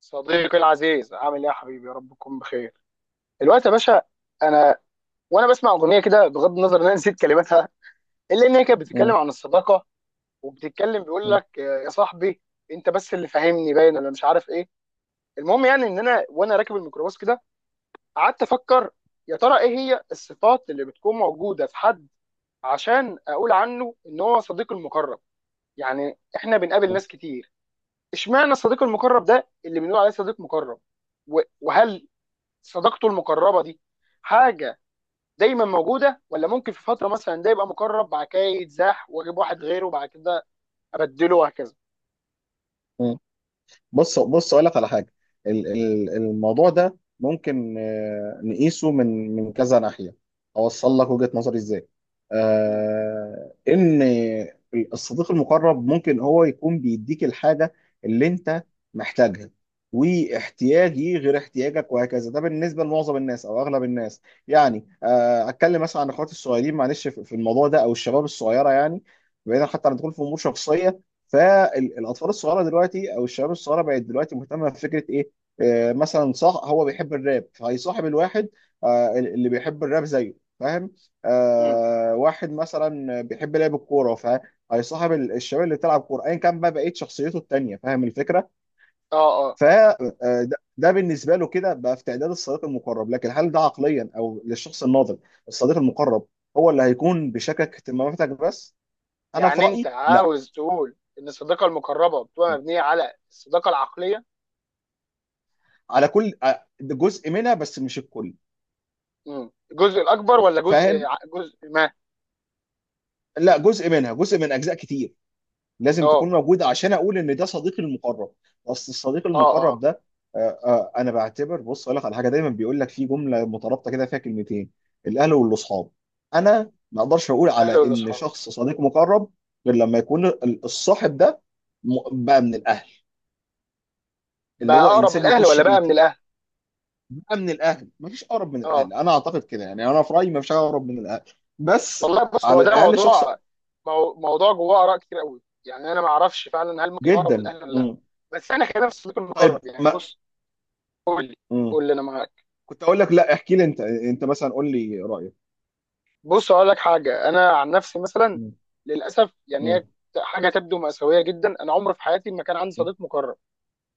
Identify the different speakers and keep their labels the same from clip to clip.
Speaker 1: صديقي العزيز، عامل ايه يا حبيبي؟ يا رب تكون بخير الوقت يا باشا. انا وانا بسمع اغنيه كده، بغض النظر ان انا نسيت كلماتها، الا ان هي كانت
Speaker 2: مم.
Speaker 1: بتتكلم عن الصداقه وبتتكلم، بيقول
Speaker 2: مم.
Speaker 1: لك آه، يا صاحبي انت بس اللي فاهمني باين، ولا مش عارف ايه. المهم يعني ان انا وانا راكب الميكروباص كده، قعدت افكر يا ترى ايه هي الصفات اللي بتكون موجوده في حد عشان اقول عنه ان هو صديق المقرب. يعني احنا بنقابل ناس كتير، اشمعنى الصديق المقرب ده اللي بنقول عليه صديق مقرب؟ وهل صداقته المقربه دي حاجه دايما موجوده، ولا ممكن في فتره مثلا ده يبقى مقرب، بعد كده يتزاح واجيب واحد غيره، بعد كده ابدله وهكذا.
Speaker 2: مم. بص بص، اقول لك على حاجه. الموضوع ده ممكن نقيسه من كذا ناحيه. اوصل لك وجهه نظري ازاي؟
Speaker 1: مم.
Speaker 2: ان الصديق المقرب ممكن هو يكون بيديك الحاجه اللي انت محتاجها، واحتياجي غير احتياجك وهكذا، ده بالنسبه لمعظم الناس او اغلب الناس. يعني اتكلم مثلا عن اخواتي الصغيرين، معلش، في الموضوع ده، او الشباب الصغيره يعني. بعيدا حتى عن الدخول في امور شخصيه، فالاطفال الصغيره دلوقتي او الشباب الصغيره بقت دلوقتي مهتمه بفكره ايه؟ مثلا صح، هو بيحب الراب فهيصاحب الواحد اللي بيحب الراب زيه، فاهم؟
Speaker 1: مم.
Speaker 2: واحد مثلا بيحب لعب الكوره فهيصاحب الشباب اللي بتلعب كوره، ايا كان بقى بقيه شخصيته التانيه، فاهم الفكره؟
Speaker 1: اه اه.
Speaker 2: فده، ده بالنسبه له كده بقى في تعداد الصديق المقرب. لكن هل ده عقليا او للشخص الناضج الصديق المقرب هو اللي هيكون بيشاركك اهتماماتك بس؟ انا في
Speaker 1: يعني انت
Speaker 2: رايي لا.
Speaker 1: عاوز تقول ان الصداقه المقربه بتبقى مبنيه على الصداقه العقليه؟
Speaker 2: على كل جزء منها بس، مش الكل.
Speaker 1: مم. الجزء الاكبر ولا جزء
Speaker 2: فاهم؟
Speaker 1: جزء ما؟
Speaker 2: لا، جزء منها، جزء من اجزاء كتير لازم تكون
Speaker 1: اه
Speaker 2: موجوده عشان اقول ان ده صديقي المقرب. اصل الصديق
Speaker 1: اه.
Speaker 2: المقرب
Speaker 1: اه.
Speaker 2: ده انا بعتبر، بص اقول لك على حاجه، دايما بيقول لك في جمله مترابطه كده فيها كلمتين: الاهل والاصحاب. انا ما اقدرش اقول
Speaker 1: الاهل
Speaker 2: على ان
Speaker 1: والاصحاب.
Speaker 2: شخص صديق مقرب غير لما يكون الصاحب ده بقى من الاهل، اللي
Speaker 1: بقى
Speaker 2: هو
Speaker 1: اقرب من
Speaker 2: انسان
Speaker 1: الاهل
Speaker 2: يخش
Speaker 1: ولا بقى من
Speaker 2: بيتي.
Speaker 1: الاهل؟
Speaker 2: من الاهلي، مفيش اقرب من
Speaker 1: اه.
Speaker 2: الاهلي، انا اعتقد كده يعني، انا في رايي مفيش اقرب من الاهلي. بس
Speaker 1: والله بص، هو
Speaker 2: على
Speaker 1: ده
Speaker 2: الاقل شخص،
Speaker 1: موضوع، موضوع جواه اراء كتير قوي. يعني انا ما اعرفش فعلا هل ممكن يقرب من
Speaker 2: جدا.
Speaker 1: الاهلي ولا لا.
Speaker 2: مم.
Speaker 1: بس انا خلينا في السلوك المقرب،
Speaker 2: طيب،
Speaker 1: يعني
Speaker 2: ما
Speaker 1: بص، قول لي.
Speaker 2: مم.
Speaker 1: قول لي انا معاك.
Speaker 2: كنت اقول لك لا، احكي لي انت مثلا قول لي رايك.
Speaker 1: بص اقول لك حاجه، انا عن نفسي مثلا،
Speaker 2: مم.
Speaker 1: للاسف يعني
Speaker 2: مم.
Speaker 1: هي حاجه تبدو مأساويه جدا، انا عمري في حياتي ما كان عندي
Speaker 2: مم.
Speaker 1: صديق مقرب.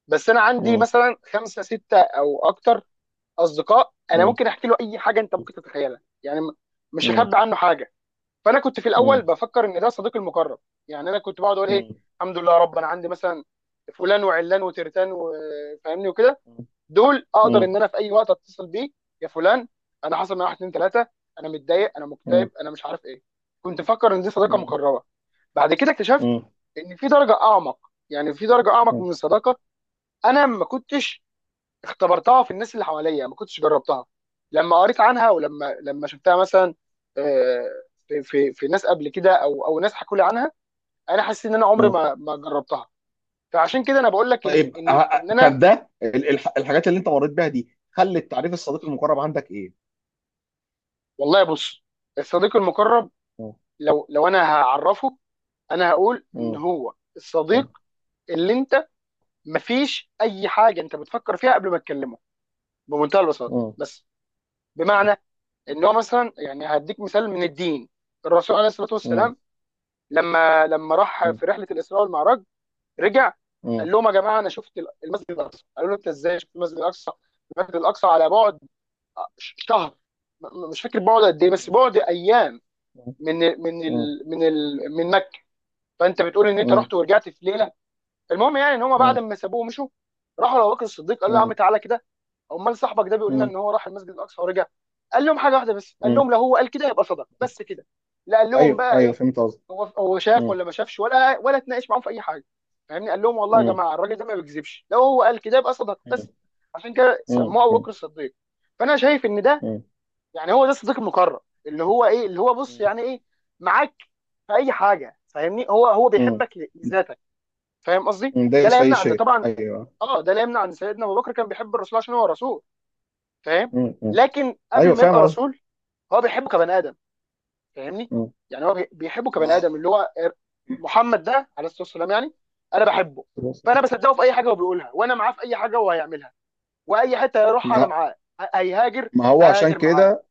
Speaker 1: بس انا عندي
Speaker 2: مم.
Speaker 1: مثلا خمسه سته او اكتر اصدقاء انا
Speaker 2: مم.
Speaker 1: ممكن احكي له اي حاجه انت ممكن تتخيلها، يعني مش
Speaker 2: مم.
Speaker 1: هخبي عنه حاجه. فانا كنت في الاول
Speaker 2: مم.
Speaker 1: بفكر ان ده صديقي المقرب. يعني انا كنت بقعد اقول ايه،
Speaker 2: مم.
Speaker 1: الحمد لله يا رب انا عندي مثلا فلان وعلان وترتان وفاهمني وكده، دول اقدر ان انا في اي وقت اتصل بيه، يا فلان انا حصل معايا واحد اتنين تلاته، انا متضايق، انا
Speaker 2: مم.
Speaker 1: مكتئب، انا مش عارف ايه. كنت مفكر ان دي صداقه
Speaker 2: مم.
Speaker 1: مقربه. بعد كده اكتشفت
Speaker 2: مم.
Speaker 1: ان في درجه اعمق، يعني في درجه اعمق من الصداقه انا ما كنتش اختبرتها في الناس اللي حواليا، ما كنتش جربتها. لما قريت عنها ولما شفتها مثلا، آه، في ناس قبل كده او ناس حكوا لي عنها، انا حسيت ان انا عمري
Speaker 2: مم.
Speaker 1: ما جربتها. فعشان كده انا بقول لك ان
Speaker 2: طيب
Speaker 1: ان ان انا.
Speaker 2: طب ده الحاجات اللي انت مريت بيها دي خلت تعريف الصديق المقرب عندك ايه؟
Speaker 1: والله بص، الصديق المقرب
Speaker 2: مم.
Speaker 1: لو انا هعرفه، انا هقول ان
Speaker 2: مم.
Speaker 1: هو الصديق اللي انت مفيش اي حاجه انت بتفكر فيها قبل ما تكلمه، بمنتهى البساطه
Speaker 2: مم.
Speaker 1: بس. بمعنى ان هو مثلا، يعني هديك مثال من الدين، الرسول عليه الصلاه
Speaker 2: مم.
Speaker 1: والسلام لما راح في رحله الاسراء والمعراج، رجع
Speaker 2: مم.
Speaker 1: قال لهم يا جماعه انا شفت المسجد الاقصى. قالوا له انت ازاي شفت المسجد الاقصى؟ المسجد الاقصى على بعد شهر، مش فاكر بعد قد ايه، بس
Speaker 2: مم.
Speaker 1: بعد ايام
Speaker 2: مم.
Speaker 1: من ال من
Speaker 2: مم.
Speaker 1: ال من ال من مكه. فانت بتقول ان انت
Speaker 2: مم.
Speaker 1: رحت ورجعت في ليله؟ المهم يعني ان هم
Speaker 2: مم.
Speaker 1: بعد ما سابوه ومشوا، راحوا لابو بكر الصديق، قال له يا
Speaker 2: مم.
Speaker 1: عم تعالى كده، امال صاحبك ده بيقول لنا
Speaker 2: مم.
Speaker 1: ان هو راح المسجد الاقصى ورجع. قال لهم حاجه واحده بس، قال
Speaker 2: مم.
Speaker 1: لهم لو هو قال كده يبقى صدق، بس كده. لا قال لهم
Speaker 2: ايوه،
Speaker 1: بقى
Speaker 2: ايوه،
Speaker 1: ايه،
Speaker 2: فهمت قصدي.
Speaker 1: هو شاف ولا ما شافش ولا اتناقش معاهم في اي حاجه، فاهمني، قال لهم والله يا جماعه الراجل ده ما بيكذبش، لو هو قال كده يبقى صدق بس. عشان كده سموه ابو بكر الصديق. فانا شايف ان ده، يعني هو ده الصديق المقرب، اللي هو ايه، اللي هو بص، يعني ايه معاك في اي حاجه، فاهمني؟ هو بيحبك لذاتك، فاهم قصدي؟ ده
Speaker 2: دايس
Speaker 1: لا
Speaker 2: في اي
Speaker 1: يمنع ان
Speaker 2: شيء،
Speaker 1: طبعا،
Speaker 2: ايوه.
Speaker 1: اه ده لا يمنع ان سيدنا ابو بكر كان بيحب الرسول عشان هو رسول، فاهم؟
Speaker 2: مم. مم.
Speaker 1: لكن
Speaker 2: ايوه
Speaker 1: قبل ما
Speaker 2: فاهم
Speaker 1: يبقى
Speaker 2: قصدي.
Speaker 1: رسول، هو بيحبه كبني ادم، فاهمني؟
Speaker 2: مم.
Speaker 1: يعني هو بيحبه كبني
Speaker 2: ما
Speaker 1: ادم اللي هو محمد ده عليه الصلاه والسلام. يعني انا بحبه، فانا بصدقه في اي حاجه هو بيقولها، وانا معاه في اي حاجه هو هيعملها، واي حته هيروحها انا
Speaker 2: ما
Speaker 1: معاه، هيهاجر
Speaker 2: هو عشان
Speaker 1: هاجر معاه.
Speaker 2: كده،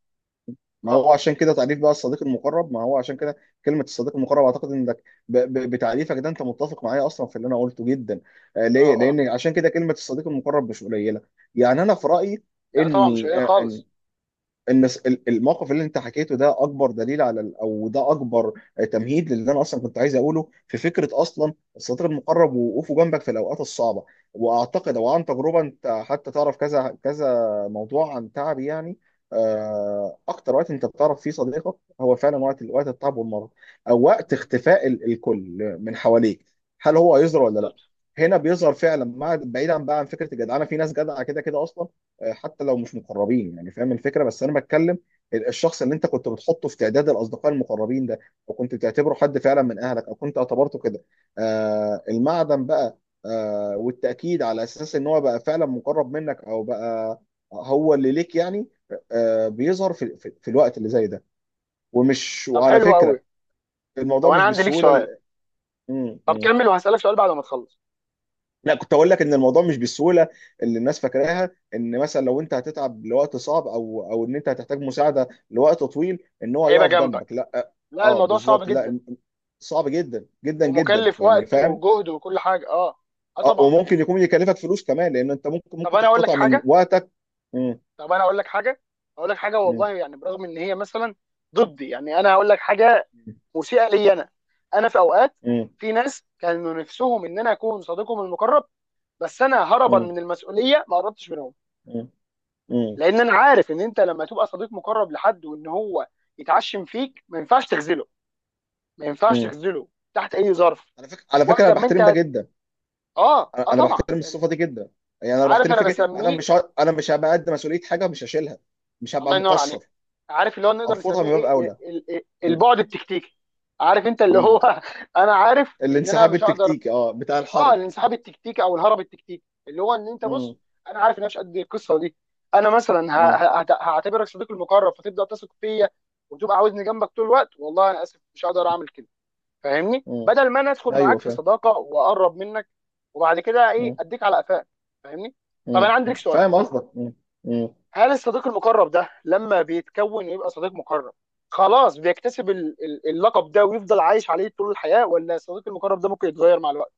Speaker 2: ما
Speaker 1: اه
Speaker 2: هو عشان كده، تعريف بقى الصديق المقرب، ما هو عشان كده كلمة الصديق المقرب. أعتقد إنك بتعريفك ده أنت متفق معايا أصلا في اللي أنا قلته جدا.
Speaker 1: اه
Speaker 2: ليه؟
Speaker 1: اه.
Speaker 2: لأن عشان كده كلمة الصديق المقرب مش قليلة. يعني أنا في رأيي
Speaker 1: لا طبعا مش
Speaker 2: إني
Speaker 1: قليل خالص.
Speaker 2: النس... الموقف اللي انت حكيته ده اكبر دليل على او ده اكبر تمهيد للي انا اصلا كنت عايز اقوله في فكره اصلا الصديق المقرب ووقوفه جنبك في الاوقات الصعبه. واعتقد او عن تجربه انت حتى تعرف، كذا كذا موضوع عن تعبي يعني. اكتر وقت انت بتعرف فيه صديقك هو فعلا وقت التعب والمرض، او وقت
Speaker 1: بالظبط.
Speaker 2: اختفاء الكل من حواليك، هل هو هيظهر ولا لا.
Speaker 1: بالظبط.
Speaker 2: هنا بيظهر فعلا. مع، بعيدا بقى عن فكره الجدعنه، في ناس جدعه كده كده اصلا، حتى لو مش مقربين يعني، فاهم الفكره؟ بس انا بتكلم الشخص اللي انت كنت بتحطه في تعداد الاصدقاء المقربين ده، وكنت بتعتبره حد فعلا من اهلك او كنت اعتبرته كده. المعدن بقى، والتاكيد على اساس ان هو بقى فعلا مقرب منك، او بقى هو اللي ليك يعني، بيظهر في الوقت اللي زي ده. ومش،
Speaker 1: طب
Speaker 2: وعلى
Speaker 1: حلو قوي.
Speaker 2: فكره
Speaker 1: طب
Speaker 2: الموضوع
Speaker 1: انا
Speaker 2: مش
Speaker 1: عندي ليك
Speaker 2: بالسهوله
Speaker 1: سؤال.
Speaker 2: مم،
Speaker 1: طب
Speaker 2: مم.
Speaker 1: كمل وهسالك سؤال بعد ما تخلص.
Speaker 2: لا كنت اقول لك ان الموضوع مش بالسهوله اللي الناس فاكراها، ان مثلا لو انت هتتعب لوقت صعب، او او ان انت هتحتاج مساعده لوقت طويل، ان هو
Speaker 1: هيبقى
Speaker 2: يقف جنبك،
Speaker 1: جنبك.
Speaker 2: لا.
Speaker 1: لا
Speaker 2: اه
Speaker 1: الموضوع صعب
Speaker 2: بالظبط، لا
Speaker 1: جدا،
Speaker 2: صعب جدا جدا جدا
Speaker 1: ومكلف
Speaker 2: يعني،
Speaker 1: وقت
Speaker 2: فاهم.
Speaker 1: وجهد وكل حاجه. اه. اه
Speaker 2: اه،
Speaker 1: طبعا.
Speaker 2: وممكن يكون يكلفك فلوس كمان، لان انت ممكن
Speaker 1: طب
Speaker 2: ممكن
Speaker 1: انا اقول لك
Speaker 2: تقتطع من
Speaker 1: حاجه.
Speaker 2: وقتك. مم.
Speaker 1: طب انا اقول لك حاجه. اقول لك حاجه،
Speaker 2: مم.
Speaker 1: والله يعني برغم ان هي مثلا ضدي، يعني انا هقول لك حاجه مسيئه لي انا. انا في اوقات،
Speaker 2: مم.
Speaker 1: في ناس كانوا نفسهم ان انا اكون صديقهم المقرب، بس انا هربا
Speaker 2: مم.
Speaker 1: من المسؤوليه ما قربتش منهم.
Speaker 2: مم. مم.
Speaker 1: لان انا عارف ان انت لما تبقى صديق مقرب لحد وان هو يتعشم فيك، ما ينفعش تخذله، ما ينفعش
Speaker 2: مم.
Speaker 1: تخذله تحت اي ظرف.
Speaker 2: على فكره، على فكره،
Speaker 1: وقت
Speaker 2: انا
Speaker 1: ما انت
Speaker 2: بحترم ده
Speaker 1: هت...
Speaker 2: جدا.
Speaker 1: اه اه
Speaker 2: انا
Speaker 1: طبعا
Speaker 2: بحترم
Speaker 1: يعني،
Speaker 2: الصفه دي جدا، يعني انا
Speaker 1: عارف
Speaker 2: بحترم
Speaker 1: انا
Speaker 2: فكره انا
Speaker 1: بسميه،
Speaker 2: مش هبقى قد مسؤوليه حاجه مش هشيلها، مش هبقى
Speaker 1: الله ينور عليك،
Speaker 2: مقصر.
Speaker 1: عارف اللي هو نقدر
Speaker 2: ارفضها
Speaker 1: نسميه
Speaker 2: من باب
Speaker 1: ايه،
Speaker 2: اولى.
Speaker 1: إيه؟
Speaker 2: م-
Speaker 1: البعد التكتيكي، عارف انت اللي
Speaker 2: م.
Speaker 1: هو انا عارف ان انا
Speaker 2: الانسحاب
Speaker 1: مش هقدر.
Speaker 2: التكتيكي، اه، بتاع
Speaker 1: اه
Speaker 2: الحرب.
Speaker 1: الانسحاب التكتيكي او الهرب التكتيكي، اللي هو ان انت
Speaker 2: م-
Speaker 1: بص انا عارف ان انا مش قد القصه دي، انا مثلا
Speaker 2: م-
Speaker 1: هعتبرك صديقي المقرب فتبدا تثق فيا وتبقى عاوزني جنبك طول الوقت، والله انا اسف مش هقدر اعمل كده، فاهمني؟
Speaker 2: م.
Speaker 1: بدل ما انا ادخل
Speaker 2: ايوه
Speaker 1: معاك في
Speaker 2: فاهم.
Speaker 1: صداقه واقرب منك وبعد كده ايه
Speaker 2: م-
Speaker 1: اديك على قفاك، فاهمني؟ طب
Speaker 2: م-
Speaker 1: انا عندي
Speaker 2: م.
Speaker 1: لك سؤال،
Speaker 2: فاهم قصدك. م- م.
Speaker 1: هل الصديق المقرب ده لما بيتكون ويبقى صديق مقرب خلاص بيكتسب اللقب ده ويفضل عايش عليه طول الحياة، ولا الصديق المقرب ده ممكن يتغير مع الوقت؟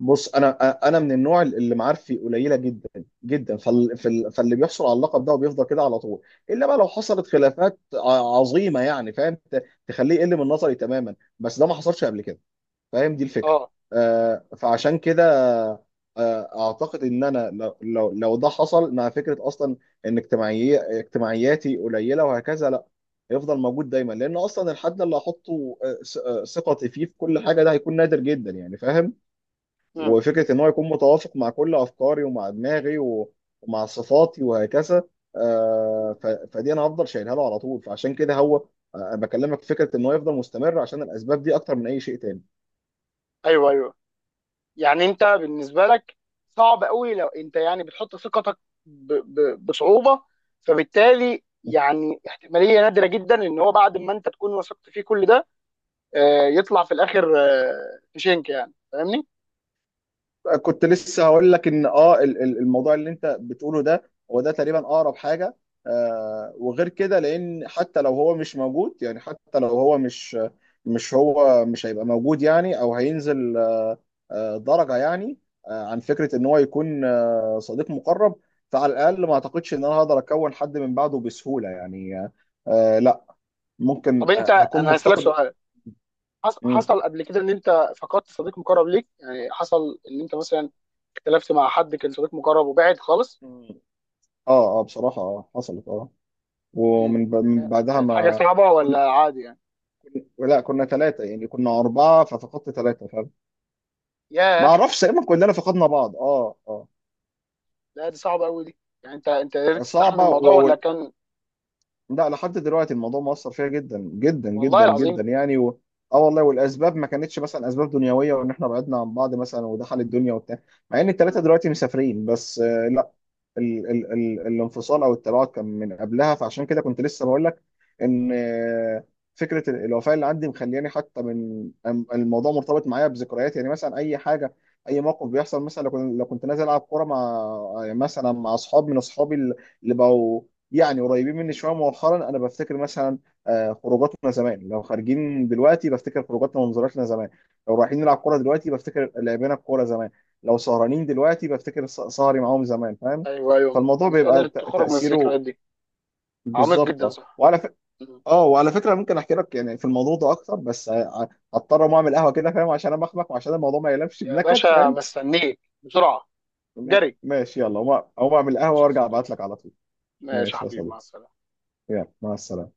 Speaker 2: بص، انا انا من النوع اللي معارفي قليله جدا جدا، فاللي بيحصل على اللقب ده وبيفضل كده على طول، الا بقى لو حصلت خلافات عظيمه، يعني فاهم، تخليه يقل من نظري تماما، بس ده ما حصلش قبل كده، فاهم دي الفكره.
Speaker 1: اه.
Speaker 2: فعشان كده اعتقد ان انا لو ده حصل، مع فكره اصلا ان اجتماعياتي قليله وهكذا، لا، هيفضل موجود دايما. لان اصلا الحد اللي هحطه ثقتي فيه في كل حاجه ده هيكون نادر جدا، يعني فاهم.
Speaker 1: امم.
Speaker 2: وفكره ان هو يكون متوافق مع كل افكاري ومع دماغي و- ومع صفاتي وهكذا، فدي انا هفضل شايلها له على طول. فعشان كده هو بكلمك في فكره ان هو يفضل مستمر، عشان الاسباب دي اكتر من اي شيء تاني.
Speaker 1: ايوه ايوه، يعني انت بالنسبة لك صعب قوي، لو انت يعني بتحط ثقتك بصعوبة، فبالتالي يعني احتمالية نادرة جدا ان هو بعد ما انت تكون وثقت فيه كل ده، يطلع في الاخر في شنك، يعني فاهمني؟
Speaker 2: كنت لسه هقول لك ان اه الموضوع اللي انت بتقوله ده هو ده تقريبا اقرب حاجه. وغير كده، لان حتى لو هو مش موجود، يعني حتى لو هو مش، مش هو مش هيبقى موجود يعني، او هينزل درجه يعني، عن فكره ان هو يكون صديق مقرب. فعلى الاقل ما اعتقدش ان انا هقدر اكون حد من بعده بسهوله يعني، لا.
Speaker 1: طب
Speaker 2: ممكن
Speaker 1: انت
Speaker 2: هكون
Speaker 1: انا هسألك
Speaker 2: مفتقد.
Speaker 1: سؤال،
Speaker 2: مم.
Speaker 1: حصل قبل كده ان انت فقدت صديق مقرب ليك، يعني حصل ان انت مثلا اختلفت مع حد كان صديق مقرب وبعد خالص؟
Speaker 2: مم. اه اه، بصراحه حصلت
Speaker 1: مم.
Speaker 2: ومن من بعدها
Speaker 1: كانت حاجه
Speaker 2: ما...
Speaker 1: صعبه ولا عادي يعني؟
Speaker 2: لا، كنا ثلاثة، يعني كنا أربعة ففقدت ثلاثة، فاهم. ما
Speaker 1: ياه.
Speaker 2: أعرفش، تقريبا كلنا فقدنا بعض. أه أه
Speaker 1: لا دي صعبه قوي دي، يعني انت قدرت تستحمل
Speaker 2: صعبة
Speaker 1: الموضوع ولا كان؟
Speaker 2: لا، لحد دلوقتي الموضوع مؤثر فيها جدا جدا
Speaker 1: والله
Speaker 2: جدا
Speaker 1: العظيم.
Speaker 2: جدا يعني، و... اه والله، والاسباب ما كانتش مثلا اسباب دنيويه وان احنا بعدنا عن بعض مثلا ودخل الدنيا وبتاع، مع ان الثلاثه
Speaker 1: مم.
Speaker 2: دلوقتي مسافرين، بس لا. ال ال ال الانفصال او التباعد كان من قبلها، فعشان كده كنت لسه بقول لك ان فكره الوفاه اللي عندي مخلياني حتى من الموضوع مرتبط معايا بذكريات، يعني مثلا اي حاجه، اي موقف بيحصل، مثلا لو كنت نازل العب كوره مع مثلا مع اصحاب من اصحابي اللي بقوا يعني قريبين مني شويه مؤخرا، انا بفتكر مثلا خروجاتنا زمان. لو خارجين دلوقتي بفتكر خروجاتنا ومنظراتنا زمان، لو رايحين نلعب كوره دلوقتي بفتكر لعبنا الكوره زمان، لو سهرانين دلوقتي بفتكر سهري
Speaker 1: مم.
Speaker 2: معاهم زمان، فاهم.
Speaker 1: ايوه ايوه،
Speaker 2: فالموضوع
Speaker 1: مش
Speaker 2: بيبقى
Speaker 1: قادر تخرج من
Speaker 2: تأثيره
Speaker 1: الذكريات دي. عميق
Speaker 2: بالظبط.
Speaker 1: جدا
Speaker 2: اه،
Speaker 1: صح.
Speaker 2: وعلى
Speaker 1: مم.
Speaker 2: فكره، ممكن احكي لك يعني في الموضوع ده اكتر، بس هضطر اقوم اعمل قهوه كده، فاهم؟ عشان امخمخ، وعشان الموضوع ما يلفش
Speaker 1: يا
Speaker 2: بنكد،
Speaker 1: باشا
Speaker 2: فاهم؟
Speaker 1: مستنيك بسرعه. جري.
Speaker 2: ماشي يلا اقوم، أقوم اعمل قهوه
Speaker 1: ماشي يا
Speaker 2: وارجع ابعت
Speaker 1: صديقي.
Speaker 2: لك على طول.
Speaker 1: ماشي يا
Speaker 2: ماشي يا
Speaker 1: حبيبي، مع
Speaker 2: صديقي،
Speaker 1: السلامه.
Speaker 2: يلا مع السلامه.